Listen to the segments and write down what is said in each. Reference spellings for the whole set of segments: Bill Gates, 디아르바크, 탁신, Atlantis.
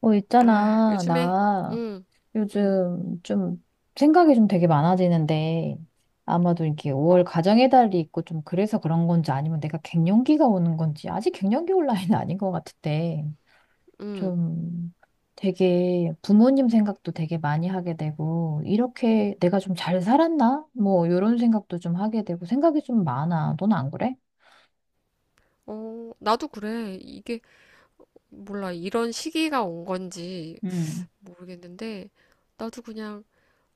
아, 있잖아. 요즘에, 나 응, 응, 요즘 좀 생각이 좀 되게 많아지는데 아마도 이렇게 5월 어, 가정의 달이 있고 좀 그래서 그런 건지 아니면 내가 갱년기가 오는 건지 아직 갱년기 올 나이는 아닌 것 같은데 응. 좀 되게 부모님 생각도 되게 많이 하게 되고 이렇게 내가 좀 잘 살았나? 뭐 이런 생각도 좀 하게 되고 생각이 좀 많아. 넌 안 그래? 어, 나도 그래. 이게, 몰라. 이런 시기가 온 건지 응, 모르겠는데, 나도 그냥,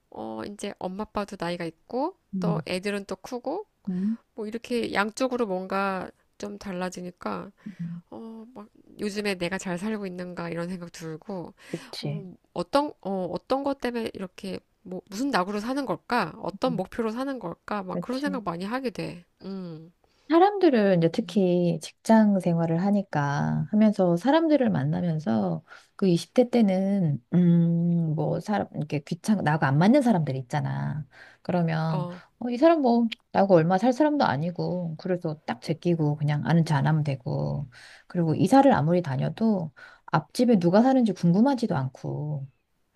어, 이제 엄마 아빠도 나이가 있고, 또 응, 애들은 또 크고, 응, 뭐 이렇게 양쪽으로 뭔가 좀 달라지니까, 음, 어, 막, 요즘에 내가 잘 살고 있는가 이런 생각 들고, 그치. 어, 어떤, 어, 어떤 것 때문에 이렇게, 뭐, 무슨 낙으로 사는 걸까? 어떤 음. 목표로 사는 걸까? 막 그런 그치. 생각 많이 하게 돼. 음. 사람들을 이제 특히 직장 생활을 하니까 하면서 사람들을 만나면서 그 20대 때는 뭐 사람 이렇게 귀찮 나하고 안 맞는 사람들 있잖아. 그러면 어, 이 사람 뭐 나하고 얼마 살 사람도 아니고 그래서 딱 제끼고 그냥 아는 척 안 하면 되고 그리고 이사를 아무리 다녀도 앞집에 누가 사는지 궁금하지도 않고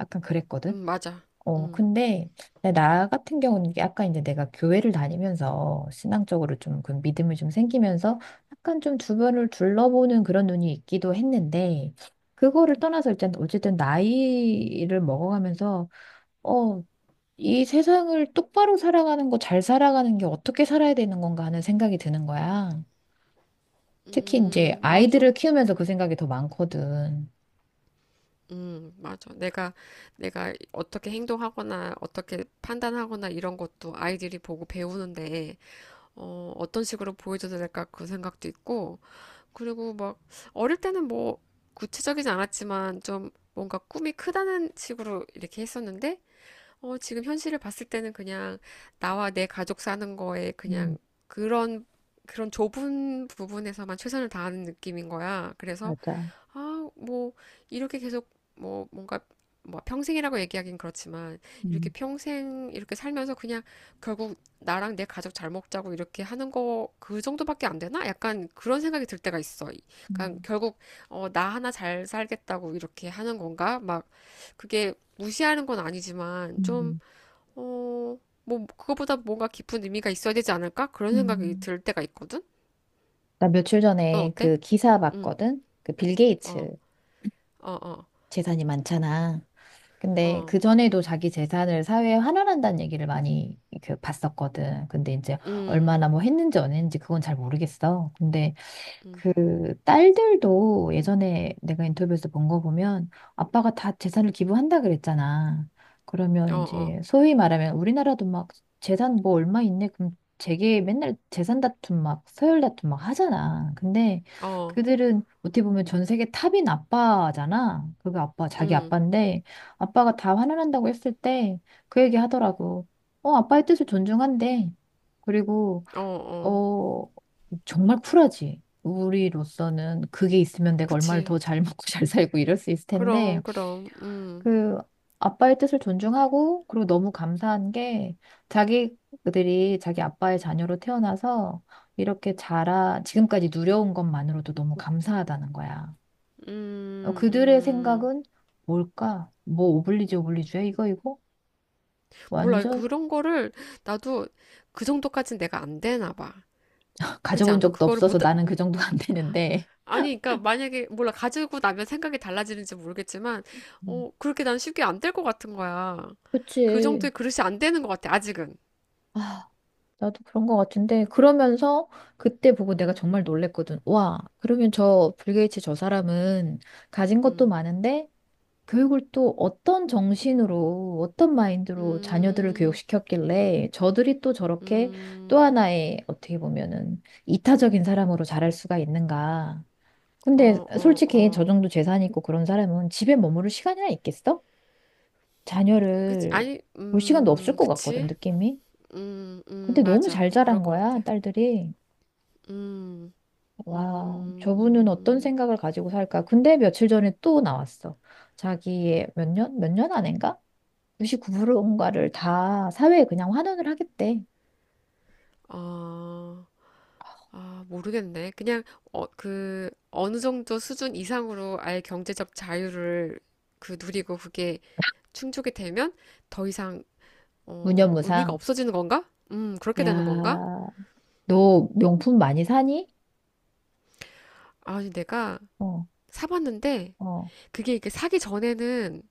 약간 그랬거든. 맞아. 음, 근데 나 같은 경우는 약간 이제 내가 교회를 다니면서 신앙적으로 좀 그 믿음이 좀 생기면서 약간 좀 주변을 둘러보는 그런 눈이 있기도 했는데 그거를 떠나서 일단 어쨌든 나이를 먹어가면서 어, 이 세상을 똑바로 살아가는 거, 잘 살아가는 게 어떻게 살아야 되는 건가 하는 생각이 드는 거야. 특히 이제 아이들을 맞아. 키우면서 그 생각이 더 많거든. 맞아. 내가 어떻게 행동하거나, 어떻게 판단하거나 이런 것도 아이들이 보고 배우는데, 어, 어떤 식으로 보여줘야 될까 그 생각도 있고, 그리고 막, 어릴 때는 뭐, 구체적이지 않았지만, 좀 뭔가 꿈이 크다는 식으로 이렇게 했었는데, 어, 지금 현실을 봤을 때는 그냥 나와 내 가족 사는 거에 그냥 음, 그런, 그런 좁은 부분에서만 최선을 다하는 느낌인 거야. 그래서, 맞아. 아, 뭐, 이렇게 계속, 뭐, 뭔가, 뭐, 평생이라고 얘기하긴 그렇지만, 음, 이렇게 평생, 이렇게 살면서 그냥 결국 나랑 내 가족 잘 먹자고 이렇게 하는 거, 그 정도밖에 안 되나? 약간 그런 생각이 들 때가 있어. 그러니까 음. 결국, 어, 나 하나 잘 살겠다고 이렇게 하는 건가? 막, 그게 무시하는 건 아니지만, 좀, 음, 어, 뭐, 그거보다 뭔가 깊은 의미가 있어야 되지 않을까? 그런 생각이 음. 들 때가 있거든? 나 며칠 넌 전에 어때? 그 기사 응, 봤거든? 그 빌 어, 게이츠 어, 어, 재산이 많잖아. 근데 어, 그 전에도 자기 재산을 사회에 환원한다는 얘기를 많이 그 봤었거든. 근데 이제 얼마나 뭐 했는지 안 했는지 그건 잘 모르겠어. 근데 그 딸들도 예전에 내가 인터뷰에서 본 거 보면 아빠가 다 재산을 기부한다 그랬잖아. 어, 그러면 이제 어, 소위 말하면 우리나라도 막 재산 뭐 얼마 있네 그럼 제게 맨날 재산 다툼 막 서열 다툼 막 하잖아. 근데 어, 그들은 어떻게 보면 전 세계 탑인 아빠잖아. 그거 아빠 자기 음, 아빠인데 아빠가 다 환원한다고 했을 때 그 얘기 하더라고. 아빠의 뜻을 존중한대. 그리고 어, 어. 어 정말 쿨하지. 우리로서는 그게 있으면 내가 얼마를 그치. 더 잘 먹고 잘 살고 이럴 수 있을 텐데, 그럼, 그럼, 그 아빠의 뜻을 존중하고, 그리고 너무 감사한 게, 자기들이 자기 아빠의 자녀로 태어나서 이렇게 자라, 지금까지 누려온 것만으로도 너무 감사하다는 거야. 음, 그들의 음. 생각은 뭘까? 뭐 오블리주 오블리주야? 이거, 이거? 몰라. 완전 그런 거를 나도 그 정도까진 내가 안 되나 봐. 그렇지 가져본 않아? 적도 그거를 못, 없어서 나는 그 정도 안 되는데. 아니, 그러니까 만약에, 몰라. 가지고 나면 생각이 달라지는지 모르겠지만, 음. 어, 그렇게 난 쉽게 안 될 것 같은 거야. 그 그치. 정도의 그릇이 안 되는 것 같아, 아직은. 아, 나도 그런 것 같은데 그러면서 그때 보고 내가 음, 정말 놀랬거든. 와, 그러면 저 빌 게이츠 저 사람은 가진 것도 음, 많은데 교육을 또 어떤 정신으로 어떤 마인드로 자녀들을 음, 교육시켰길래 저들이 또 저렇게 또 음, 하나의 어떻게 보면은 이타적인 사람으로 자랄 수가 있는가. 어, 근데 어, 솔직히 어. 저 정도 재산 있고 그런 사람은 집에 머무를 시간이나 있겠어? 그치? 자녀를 아니, 볼 시간도 없을 것 같거든, 그치? 느낌이. 근데 너무 잘 맞아. 그럴 자란 것 거야, 같아. 딸들이. 음, 와, 저분은 어떤 음, 생각을 가지고 살까? 근데 며칠 전에 또 나왔어. 자기의 몇 년? 몇 년 안인가? 99%인가를 다 사회에 그냥 환원을 하겠대. 어, 아, 모르겠네. 그냥, 어, 그, 어느 정도 수준 이상으로 아예 경제적 자유를 그 누리고 그게 충족이 되면 더 이상, 어, 의미가 무념무상. 없어지는 건가? 그렇게 되는 건가? 야, 너 명품 많이 사니? 아니, 내가 어, 사봤는데, 어, 그게 이렇게 사기 전에는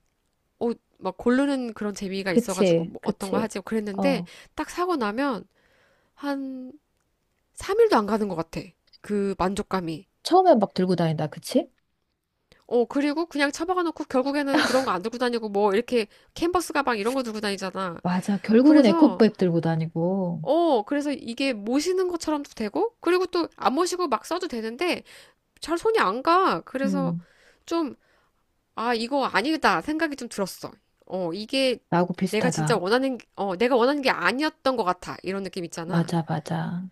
어, 막 고르는 그런 재미가 있어가지고 그치, 뭐 어떤 거 그치. 하지 그랬는데 어, 딱 사고 나면 한 3일도 안 가는 것 같아. 그 만족감이. 처음엔 막 들고 다닌다, 그치? 어, 그리고 그냥 처박아 놓고 결국에는 그런 거 안 들고 다니고 뭐 이렇게 캔버스 가방 이런 거 들고 다니잖아. 맞아. 결국은 그래서 에코백 들고 다니고. 어, 그래서 이게 모시는 것처럼도 되고 그리고 또 안 모시고 막 써도 되는데 잘 손이 안 가. 그래서 음, 좀 아, 이거 아니다 생각이 좀 들었어. 어, 이게 나하고 내가 진짜 비슷하다. 원하는, 어, 내가 원하는 게 아니었던 것 같아. 이런 느낌 있잖아. 맞아, 맞아.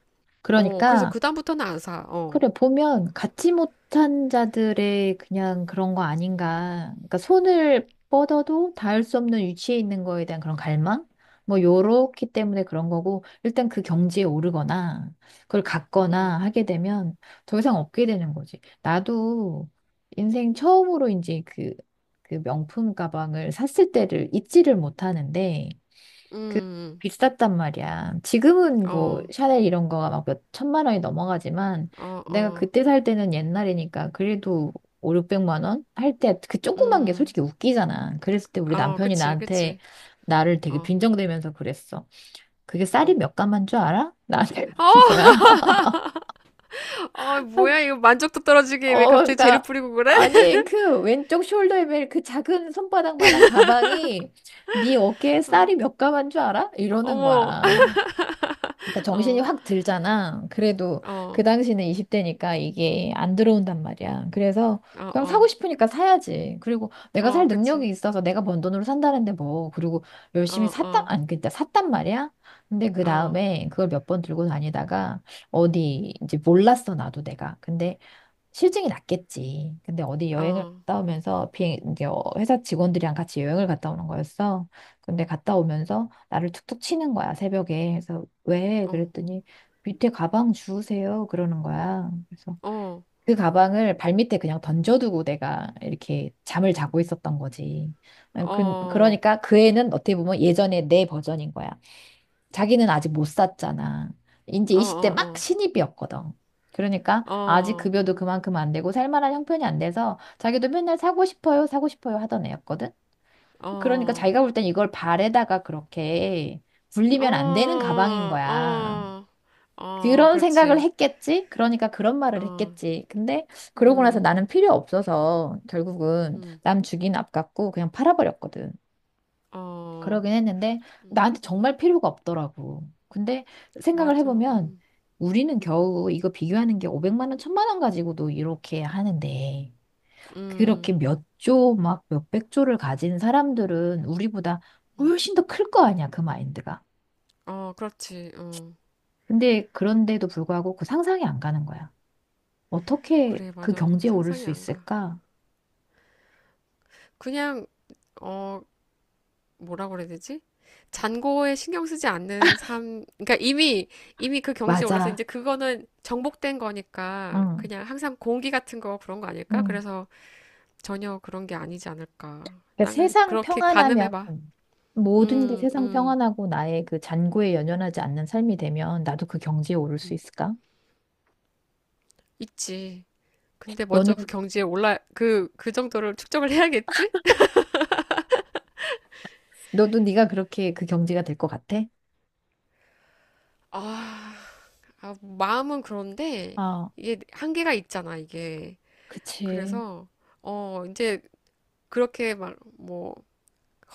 어, 그래서 그러니까 그다음부터는 안 사. 어, 그래, 보면 갖지 못한 자들의 그냥 그런 거 아닌가. 그러니까 손을 뻗어도 닿을 수 없는 위치에 있는 거에 대한 그런 갈망? 뭐, 요렇기 때문에 그런 거고, 일단 그 경지에 오르거나, 그걸 갖거나 음, 하게 되면 더 이상 없게 되는 거지. 나도 인생 처음으로 이제 그 명품 가방을 샀을 때를 잊지를 못하는데, 그 음, 비쌌단 말이야. 지금은 뭐 어, 샤넬 이런 거가 막 몇 천만 원이 넘어가지만 어, 내가 어, 그때 살 때는 옛날이니까 그래도 5, 600만 원 할 때 그 조그만 게 음, 솔직히 웃기잖아. 그랬을 때 우리 어, 남편이 그치, 나한테 그치. 나를 되게 어, 빈정대면서 그랬어. 그게 쌀이 어. 몇 가만 줄 알아? 나한테 그러는 거야. 어, 아, 뭐야, 이거 만족도 떨어지게 왜 갑자기 재를 그러니까 뿌리고 그래? 아니 그 왼쪽 숄더에 매일 그 작은 손바닥만한 가방이 네 어깨에 어, 쌀이 몇 가만 줄 알아? 이러는 어머, 거야. 그러니까 정신이 어, 확 들잖아. 그래도 그 어, 당시는 20대니까 이게 안 들어온단 말이야. 그래서 어, 그냥 사고 어, 싶으니까 사야지. 그리고 내가 어, 살 능력이 그치. 있어서 내가 번 돈으로 산다는데 뭐. 그리고 어, 열심히 샀단, 어, 아니, 그때 샀단 말이야. 근데 그 어, 다음에 그걸 몇 번 들고 다니다가 어디 이제 몰랐어, 나도 내가. 근데 싫증이 났겠지. 근데 어디 여행을 어, 갔다 오면서 비행 이제 회사 직원들이랑 같이 여행을 갔다 오는 거였어. 근데 갔다 오면서 나를 툭툭 치는 거야, 새벽에. 그래서 왜? 어, 그랬더니 밑에 가방 주우세요. 그러는 거야. 그래서 어, 그 가방을 발밑에 그냥 던져두고 내가 이렇게 잠을 자고 있었던 거지. 어, 어, 그러니까 그 애는 어떻게 보면 예전에 내 버전인 거야. 자기는 아직 못 샀잖아. 이제 어, 20대 막 어. 신입이었거든. 그러니까 아직 어, 급여도 그만큼 안 되고 살만한 형편이 안 돼서 자기도 맨날 사고 싶어요, 사고 싶어요 하던 애였거든. 그러니까 어, 자기가 볼 땐 이걸 발에다가 그렇게 어, 굴리면 안 되는 가방인 거야. 어, 어, 그런 생각을 그렇지. 했겠지? 그러니까 그런 말을 어, 했겠지. 근데 그러고 나서 음, 나는 필요 없어서 결국은 음, 남 주긴 아깝고 그냥 팔아버렸거든. 어, 그러긴 했는데 나한테 정말 필요가 없더라고. 근데 생각을 맞아. 해보면 우리는 겨우 이거 비교하는 게 500만 원, 1000만 원 가지고도 이렇게 하는데 그렇게 음, 몇 조, 막 몇백 조를 가진 사람들은 우리보다 음. 훨씬 더 클 거 아니야, 그 마인드가. 어, 그렇지. 어, 근데 그런데도 불구하고 그 상상이 안 가는 거야. 어떻게 그래, 그 맞아. 경지에 오를 상상이 수 안 가. 있을까? 그냥, 어, 뭐라고 그래야 되지? 잔고에 신경 쓰지 않는 삶, 그러니까 이미, 이미 그 경지에 올라서 맞아. 이제 그거는 정복된 거니까 응. 그냥 항상 공기 같은 거 그런 거 아닐까? 응. 그래서 전혀 그런 게 아니지 않을까. 그러니까 나가 세상 그렇게 평안하면 가늠해봐. 모든 게 음, 세상 음, 평안하고 나의 그 잔고에 연연하지 않는 삶이 되면 나도 그 경지에 오를 수 음. 있을까? 있지. 근데 너는 먼저 그 경지에 올라, 그 정도를 축적을 해야겠지? 너도 네가 그렇게 그 경지가 될 것 같아? 아, 아, 마음은 그런데 아, 이게 한계가 있잖아, 이게. 그치. 그래서, 어, 이제 그렇게 막, 뭐,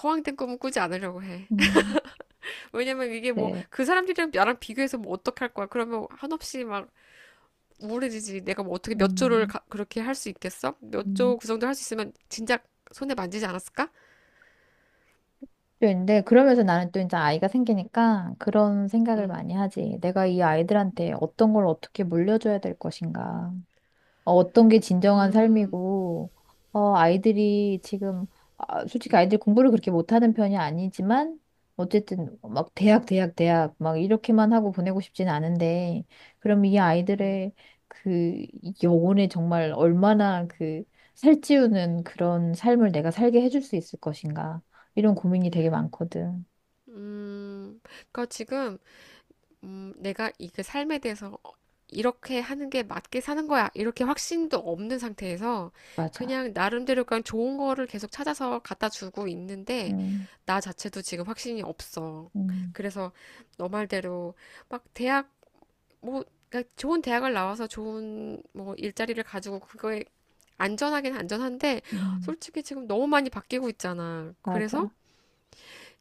허황된 꿈은 꾸지 않으려고 해. 음, 왜냐면 이게 뭐, 네. 그 사람들이랑 나랑 비교해서 뭐 어떻게 할 거야. 그러면 한없이 막, 우울해지지. 내가 뭐 어떻게 몇 조를 음, 가- 그렇게 할 수 있겠어? 몇 조 음. 그 정도 할 수 있으면 진작 손에 만지지 않았을까? 또 근데 그러면서 나는 또 이제 아이가 생기니까 그런 생각을 음, 많이 하지. 내가 이 아이들한테 어떤 걸 어떻게 물려줘야 될 것인가. 어떤 게 진정한 음, 삶이고, 아이들이 지금, 아, 솔직히 아이들 공부를 그렇게 못하는 편이 아니지만, 어쨌든 막 대학, 대학, 대학, 막 이렇게만 하고 보내고 싶진 않은데, 그럼 이 음, 아이들의 그 영혼에 정말 얼마나 그 살찌우는 그런 삶을 내가 살게 해줄 수 있을 것인가, 이런 고민이 되게 많거든. 그러니까 지금 내가 이그 삶에 대해서 어, 이렇게 하는 게 맞게 사는 거야. 이렇게 확신도 없는 상태에서 맞아. 그냥 나름대로 그냥 좋은 거를 계속 찾아서 갖다 주고 있는데 음, 나 자체도 지금 확신이 없어. 음, 그래서 너 말대로 막 대학 뭐 그러니까 좋은 대학을 나와서 좋은 뭐 일자리를 가지고 그거에 안전하긴 안전한데 음, 솔직히 지금 너무 많이 바뀌고 있잖아. 그래서 맞아.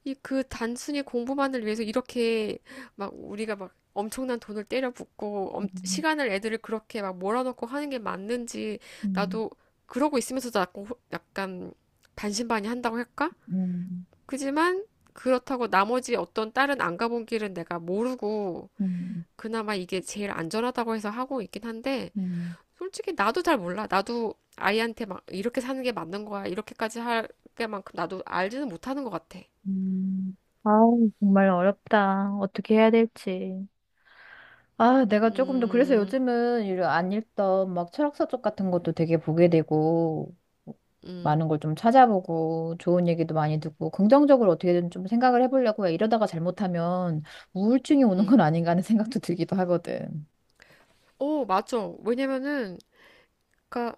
이 그 단순히 공부만을 위해서 이렇게 막 우리가 막 엄청난 돈을 때려 붓고 엄- 음, 시간을 애들을 그렇게 막 몰아넣고 하는 게 맞는지 음, 나도 그러고 있으면서도 약간, 호- 약간 반신반의 한다고 할까? 음, 그지만 그렇다고 나머지 어떤 다른 안 가본 길은 내가 모르고 음, 그나마 이게 제일 안전하다고 해서 하고 있긴 한데, 음. 솔직히 나도 잘 몰라. 나도 아이한테 막 이렇게 사는 게 맞는 거야. 이렇게까지 할 게만큼 나도 알지는 못하는 것 같아. 음, 아우, 정말 어렵다. 어떻게 해야 될지. 아, 내가 조금 더, 그래서 음, 요즘은 이런 안 읽던 막 철학서 쪽 같은 것도 되게 보게 되고, 음, 많은 걸 좀 찾아보고, 좋은 얘기도 많이 듣고, 긍정적으로 어떻게든 좀 생각을 해보려고 해. 이러다가 잘못하면 우울증이 오는 음. 건 아닌가 하는 생각도 들기도 하거든. 오, 맞죠. 왜냐면은, 그니까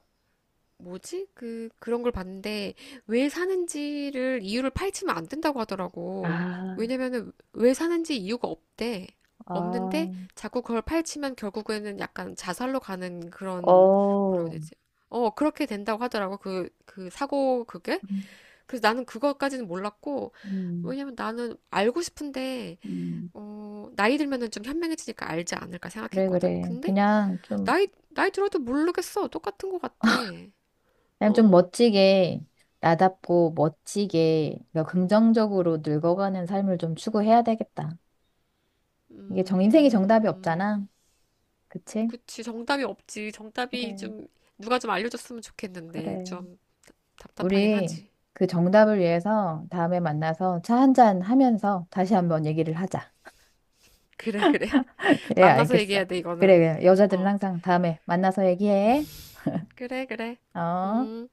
뭐지? 그, 그런 걸 봤는데, 왜 사는지를, 이유를 파헤치면 안 된다고 하더라고. 아, 왜냐면은, 왜 사는지 이유가 없대. 없는데, 아, 자꾸 그걸 파헤치면 결국에는 약간 자살로 가는 그런, 뭐라고 어, 해야 되지? 어, 그렇게 된다고 하더라고. 그, 그 사고, 그게? 음. 그래서 나는 그거까지는 몰랐고, 음, 왜냐면 나는 알고 싶은데, 음. 어, 나이 들면은 좀 현명해지니까 알지 않을까 그래, 생각했거든? 그래. 근데, 그냥 좀 나이 들어도 모르겠어. 똑같은 것 같아. 그냥 좀 어. 멋지게 나답고 멋지게 그러니까 긍정적으로 늙어가는 삶을 좀 추구해야 되겠다. 이게 정 인생이 음, 정답이 음. 없잖아. 그치? 그치, 정답이 없지. 정답이 그래, 좀, 누가 좀 알려줬으면 좋겠는데, 그래. 좀 답답하긴 우리 하지. 그 정답을 위해서 다음에 만나서 차 한 잔 하면서 다시 한번 얘기를 하자. 그래, 그래. 그래, 만나서 알겠어. 얘기해야 돼, 그래, 이거는. 그래. 여자들은 어, 항상 다음에 만나서 얘기해. 그래, 그래. 어? 음.